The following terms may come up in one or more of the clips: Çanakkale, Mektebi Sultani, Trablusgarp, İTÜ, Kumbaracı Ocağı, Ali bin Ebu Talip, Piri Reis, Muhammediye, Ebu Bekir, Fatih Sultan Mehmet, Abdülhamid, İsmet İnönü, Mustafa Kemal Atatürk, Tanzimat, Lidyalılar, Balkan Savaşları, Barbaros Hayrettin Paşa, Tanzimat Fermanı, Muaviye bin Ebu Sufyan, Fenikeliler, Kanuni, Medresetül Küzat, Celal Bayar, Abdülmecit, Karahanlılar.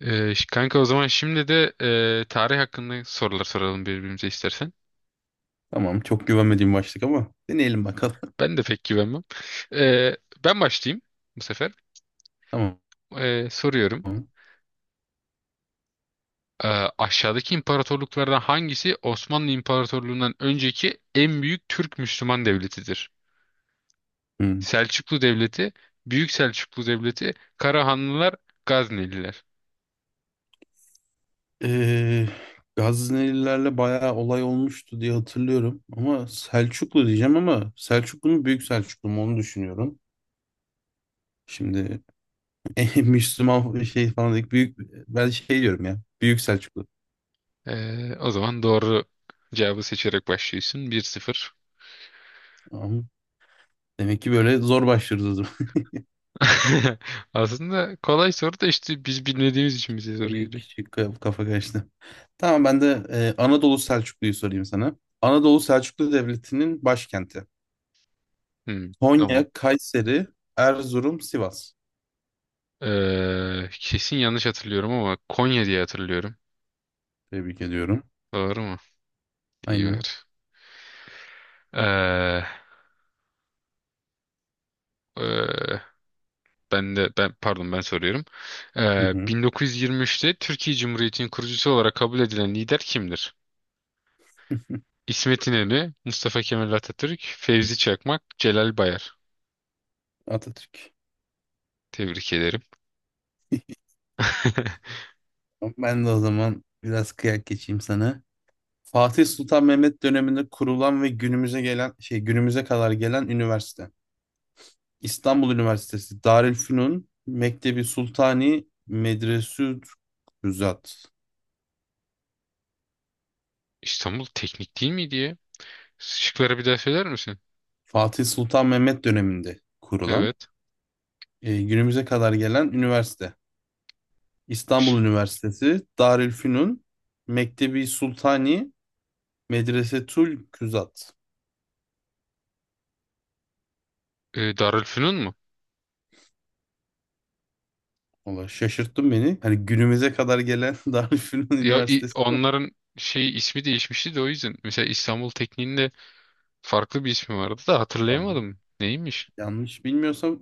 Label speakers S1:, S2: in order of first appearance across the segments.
S1: Kanka, o zaman şimdi de tarih hakkında sorular soralım birbirimize istersen.
S2: Tamam. Çok güvenmediğim başlık ama deneyelim bakalım.
S1: Ben de pek güvenmem. Ee, Ben başlayayım bu sefer.
S2: Tamam.
S1: Soruyorum. Ee, Aşağıdaki imparatorluklardan hangisi Osmanlı İmparatorluğu'ndan önceki en büyük Türk Müslüman devletidir?
S2: Hmm.
S1: Selçuklu Devleti, Büyük Selçuklu Devleti, Karahanlılar, Gazneliler.
S2: Ee, Gaznelilerle bayağı olay olmuştu diye hatırlıyorum. Ama Selçuklu diyeceğim ama Selçuklu mu Büyük Selçuklu mu onu düşünüyorum. Şimdi Müslüman şey falan dedik. Büyük, ben şey diyorum ya. Büyük Selçuklu.
S1: O zaman doğru cevabı seçerek başlıyorsun. 1-0.
S2: Tamam. Demek ki böyle zor başlıyoruz o zaman.
S1: Aslında kolay soru da işte biz bilmediğimiz için bize zor
S2: Bir
S1: geliyor.
S2: küçük kafa karıştı. Tamam ben de Anadolu Selçuklu'yu sorayım sana. Anadolu Selçuklu Devleti'nin başkenti.
S1: Hmm, tamam.
S2: Konya, Kayseri, Erzurum, Sivas.
S1: Kesin yanlış hatırlıyorum ama Konya diye hatırlıyorum.
S2: Tebrik ediyorum.
S1: Doğru mu? İyi
S2: Aynen.
S1: ver. Ee, e, ben de ben pardon ben soruyorum.
S2: Hı hı.
S1: 1923'te Türkiye Cumhuriyeti'nin kurucusu olarak kabul edilen lider kimdir? İsmet İnönü, Mustafa Kemal Atatürk, Fevzi Çakmak, Celal Bayar.
S2: Atatürk.
S1: Tebrik ederim.
S2: Ben de o zaman biraz kıyak geçeyim sana. Fatih Sultan Mehmet döneminde kurulan ve günümüze gelen günümüze kadar gelen üniversite. İstanbul Üniversitesi, Darülfünun, Mektebi Sultani, Medresü Rüzat.
S1: İstanbul Teknik değil miydi ya? Şıkları bir daha söyler misin?
S2: Fatih Sultan Mehmet döneminde kurulan,
S1: Evet.
S2: günümüze kadar gelen üniversite. İstanbul Üniversitesi, Darülfünun, Mektebi Sultani, Medresetül Küzat.
S1: Darülfünun mu?
S2: Valla şaşırttın beni. Hani günümüze kadar gelen Darülfünun
S1: Ya,
S2: Üniversitesi var mı?
S1: onların şey ismi değişmişti de o yüzden. Mesela İstanbul Tekniğinde farklı bir ismi vardı da
S2: Tamam.
S1: hatırlayamadım. Neymiş?
S2: Yanlış bilmiyorsam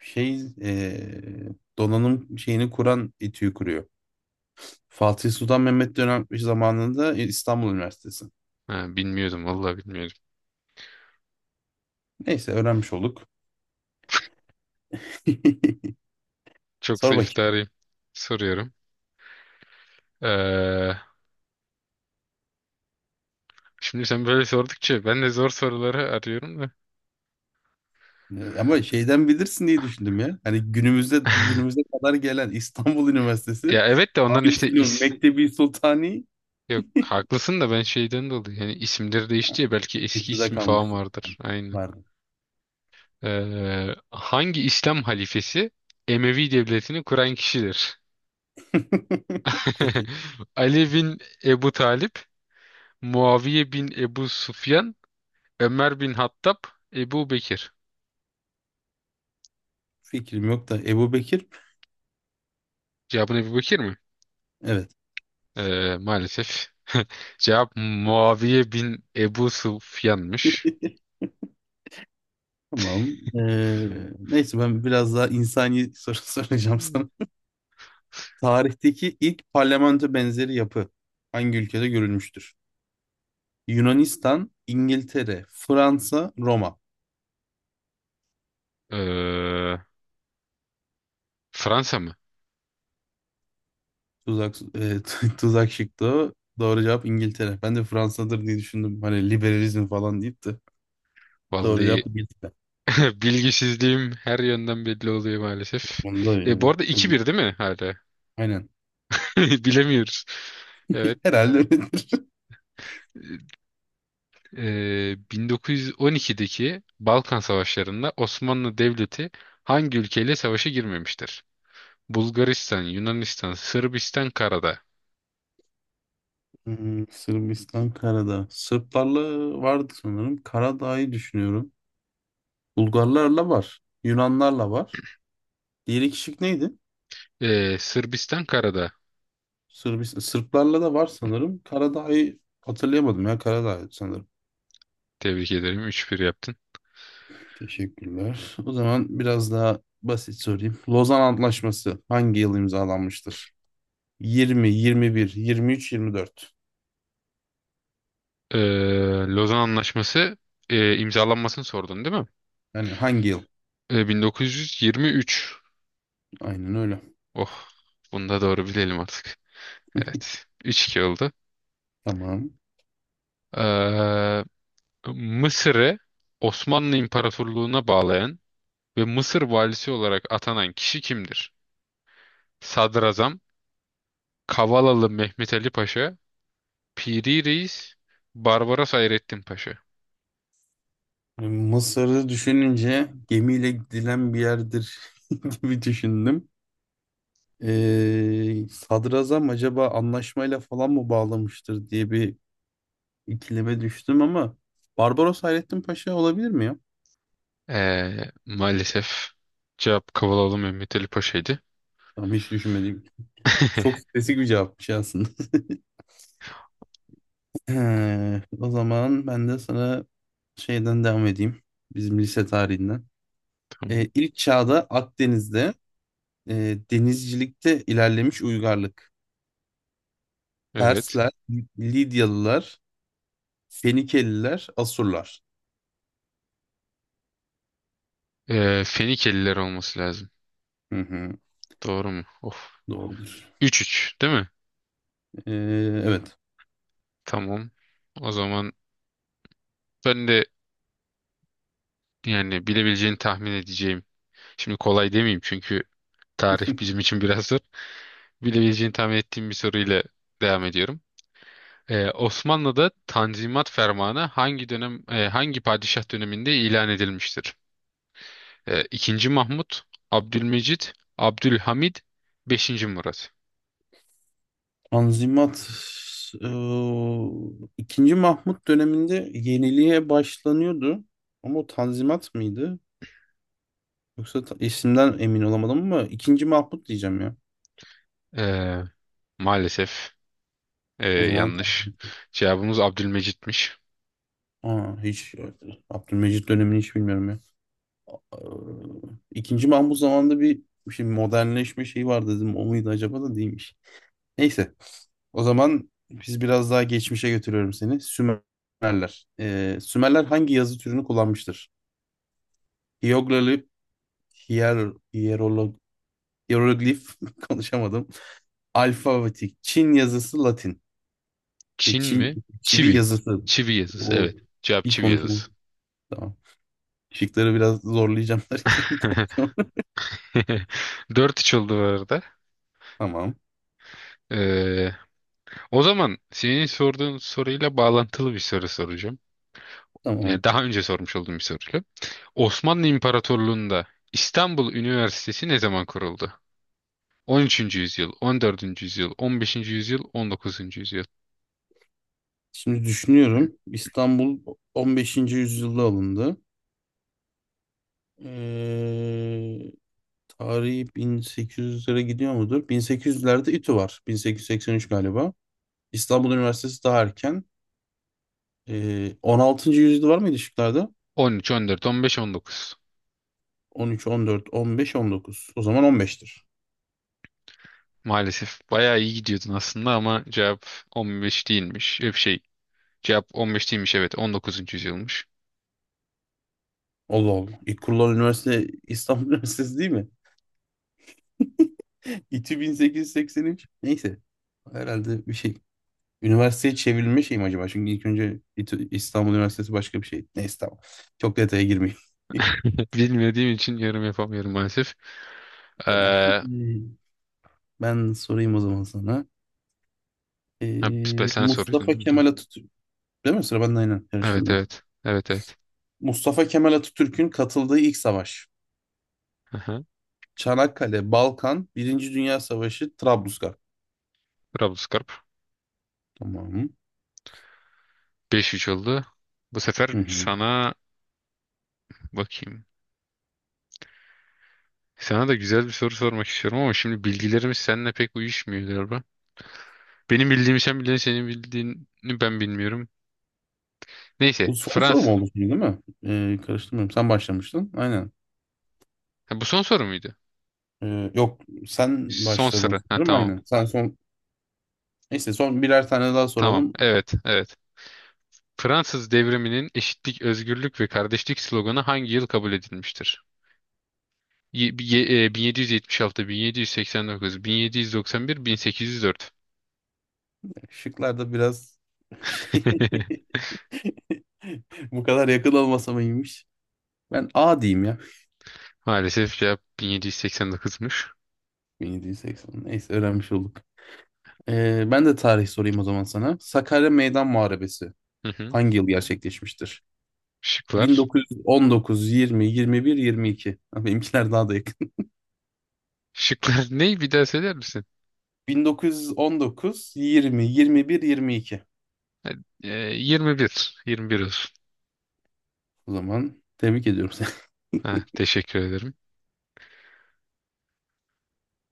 S2: şey donanım şeyini kuran İTÜ'yü kuruyor. Fatih Sultan Mehmet dönem zamanında İstanbul Üniversitesi.
S1: Ha, bilmiyordum, vallahi bilmiyordum.
S2: Neyse öğrenmiş olduk.
S1: Çok
S2: Sor
S1: zayıf
S2: bakayım.
S1: tarihim. Soruyorum. Ee, Şimdi sen böyle sordukça ben de zor soruları arıyorum da.
S2: Ama şeyden bilirsin diye düşündüm ya. Hani günümüze kadar gelen İstanbul Üniversitesi
S1: Ya evet de onların
S2: Arif
S1: işte
S2: İnönü
S1: is
S2: Mektebi Sultani
S1: Yok, haklısın da ben şeyden dolayı, yani isimleri değişti ya, belki eski
S2: etüde
S1: ismi falan
S2: kalmışsın.
S1: vardır. Aynen.
S2: Vardı.
S1: Hangi İslam halifesi Emevi devletini kuran kişidir?
S2: Peki.
S1: Ali bin Ebu Talip, Muaviye bin Ebu Sufyan, Ömer bin Hattab, Ebu Bekir.
S2: Fikrim yok da Ebu Bekir.
S1: Cevabın Ebu Bekir mi?
S2: Evet.
S1: Maalesef. Cevap Muaviye bin Ebu Sufyan'mış.
S2: Tamam. Neyse ben biraz daha insani soru soracağım sana. Tarihteki ilk parlamento benzeri yapı hangi ülkede görülmüştür? Yunanistan, İngiltere, Fransa, Roma.
S1: Ee, Fransa mı?
S2: Tuzak, tuzak şıktı o. Doğru cevap İngiltere. Ben de Fransa'dır diye düşündüm. Hani liberalizm falan deyip de. Doğru
S1: Vallahi
S2: cevap İngiltere.
S1: bilgisizliğim her yönden belli oluyor maalesef.
S2: Onda
S1: Bu
S2: yani.
S1: arada
S2: Çok,
S1: iki bir değil mi hala?
S2: aynen.
S1: Bilemiyoruz. Evet.
S2: Herhalde öyledir.
S1: 1912'deki Balkan Savaşları'nda Osmanlı Devleti hangi ülkeyle savaşa girmemiştir? Bulgaristan, Yunanistan, Sırbistan, Karadağ.
S2: Hmm, Sırbistan, Karadağ. Sırplarla vardı sanırım. Karadağ'ı düşünüyorum. Bulgarlarla var. Yunanlarla var. Diğeri kişilik neydi?
S1: Sırbistan, Karadağ.
S2: Sırbistan. Sırplarla da var sanırım. Karadağ'ı hatırlayamadım ya. Karadağ sanırım.
S1: Tebrik ederim. 3-1 yaptın.
S2: Teşekkürler. O zaman biraz daha basit sorayım. Lozan Antlaşması hangi yıl imzalanmıştır? 20, 21, 23, 24.
S1: Ee, Lozan Anlaşması imzalanmasını sordun değil mi?
S2: Yani hangi yıl?
S1: 1923.
S2: Aynen öyle.
S1: Oh, bunu da doğru bilelim artık. Evet. Üç 2 oldu.
S2: Tamam.
S1: Ee, Mısır'ı Osmanlı İmparatorluğu'na bağlayan ve Mısır valisi olarak atanan kişi kimdir? Sadrazam, Kavalalı Mehmet Ali Paşa, Piri Reis, Barbaros Hayrettin Paşa.
S2: Mısır'ı düşününce gemiyle gidilen bir yerdir gibi düşündüm. Sadrazam acaba anlaşmayla falan mı bağlamıştır diye bir ikileme düştüm ama Barbaros Hayrettin Paşa olabilir mi ya?
S1: Maalesef cevap Kavalalı Mehmet Ali Paşa'ydı.
S2: Tamam hiç düşünmedim. Çok spesifik bir cevapmış aslında. He, o zaman ben de sana şeyden devam edeyim. Bizim lise tarihinden.
S1: Tamam.
S2: İlk çağda Akdeniz'de denizcilikte ilerlemiş uygarlık.
S1: Evet.
S2: Persler, Lidyalılar, Fenikeliler, Asurlar.
S1: Fenikeliler olması lazım.
S2: Hı hı,
S1: Doğru mu? Of.
S2: doğrudur.
S1: 3-3 değil mi?
S2: E, evet.
S1: Tamam. O zaman ben de, yani, bilebileceğini tahmin edeceğim. Şimdi kolay demeyeyim çünkü tarih bizim için biraz zor. Bilebileceğini tahmin ettiğim bir soruyla devam ediyorum. Osmanlı'da Tanzimat Fermanı hangi padişah döneminde ilan edilmiştir? İkinci Mahmut, Abdülmecit, Abdülhamid, Beşinci Murat.
S2: Tanzimat e, ikinci Mahmut döneminde yeniliğe başlanıyordu. Ama o Tanzimat mıydı? Yoksa isimden emin olamadım ama ikinci Mahmut diyeceğim ya.
S1: Ee, Maalesef
S2: O zaman.
S1: yanlış. Cevabımız Abdülmecit'miş.
S2: Aa, hiç Abdülmecit dönemini hiç bilmiyorum ya. Ee, İkinci Mahmut zamanında bir şimdi modernleşme şeyi var dedim. O muydu acaba da değilmiş. Neyse. O zaman biz biraz daha geçmişe götürüyorum seni. Sümerler. Sümerler hangi yazı türünü kullanmıştır? Hieroglif, hier, hierolog, hieroglif konuşamadım. Alfabetik. Çin yazısı Latin.
S1: Çin mi?
S2: Çin, çivi
S1: Çivi.
S2: yazısı.
S1: Çivi yazısı,
S2: O
S1: evet. Cevap
S2: hiç
S1: çivi yazısı.
S2: konuşamadım. Tamam. Şıkları biraz zorlayacağım derken konuşuyorum.
S1: Dört 3 oldu bu arada.
S2: Tamam.
S1: Ee, O zaman senin sorduğun soruyla bağlantılı bir soru soracağım.
S2: Tamam.
S1: Yani, daha önce sormuş olduğum bir soru. Osmanlı İmparatorluğu'nda İstanbul Üniversitesi ne zaman kuruldu? 13. yüzyıl, 14. yüzyıl, 15. yüzyıl, 19. yüzyıl.
S2: Şimdi düşünüyorum. İstanbul 15. yüzyılda alındı. Ee, tarihi 1800'lere gidiyor mudur? 1800'lerde İTÜ var. 1883 galiba. İstanbul Üniversitesi daha erken. 16. yüzyılda var mıydı şıklarda?
S1: 13, 14, 15, 19.
S2: 13, 14, 15, 19. O zaman 15'tir.
S1: Maalesef bayağı iyi gidiyordun aslında ama cevap 15 değilmiş. Hep şey, cevap 15 değilmiş, evet 19. yüzyılmış.
S2: Allah Allah. İlk kurulan üniversite İstanbul Üniversitesi değil mi? İTÜ 1883. Neyse. Herhalde bir şey Üniversiteye çevrilme şey mi acaba? Çünkü ilk önce İstanbul Üniversitesi başka bir şey. Neyse tamam. Çok detaya girmeyeyim.
S1: Bilmediğim için yorum yapamıyorum maalesef.
S2: Tamam.
S1: Ha,
S2: Ben sorayım o zaman sana.
S1: sen soruyordun
S2: Mustafa
S1: değil mi?
S2: Kemal Atatürk. Değil mi? Sıra bende aynen.
S1: Evet,
S2: Karıştırmıyorum.
S1: evet. Evet, evet.
S2: Mustafa Kemal Atatürk'ün katıldığı ilk savaş.
S1: Aha.
S2: Çanakkale, Balkan, Birinci Dünya Savaşı, Trablusgarp.
S1: Trablusgarp.
S2: Tamam.
S1: Beş 3 oldu. Bu sefer
S2: Hı hı.
S1: sana bakayım. Sana da güzel bir soru sormak istiyorum ama şimdi bilgilerimiz seninle pek uyuşmuyor galiba. Benim bildiğimi sen biliyorsun, senin bildiğini ben bilmiyorum. Neyse,
S2: Bu son soru mu
S1: Fransız.
S2: oldu şimdi değil mi? Karıştırmıyorum. Sen başlamıştın. Aynen.
S1: Bu son soru muydu?
S2: Yok sen
S1: Son
S2: başladın
S1: soru. Ha,
S2: sanırım.
S1: tamam.
S2: Aynen. Sen son. Neyse son birer tane daha
S1: Tamam.
S2: soralım.
S1: Evet, evet. Fransız devriminin eşitlik, özgürlük ve kardeşlik sloganı hangi yıl kabul edilmiştir? 1776, 1789, 1791, 1804.
S2: Şıklar da biraz şey bu kadar yakın olmasa mı iyiymiş. Ben A diyeyim ya.
S1: Maalesef cevap 1789'muş.
S2: 1780. Neyse öğrenmiş olduk. Ben de tarih sorayım o zaman sana. Sakarya Meydan Muharebesi hangi yıl gerçekleşmiştir?
S1: Şıklar.
S2: 1919, 20, 21, 22. Ha, benimkiler daha da yakın.
S1: Şıklar ne? Bir daha söyler misin?
S2: 1919, 20, 21, 22.
S1: Ha, E, 21. 21 olsun.
S2: O zaman tebrik ediyorum
S1: Ha, teşekkür ederim.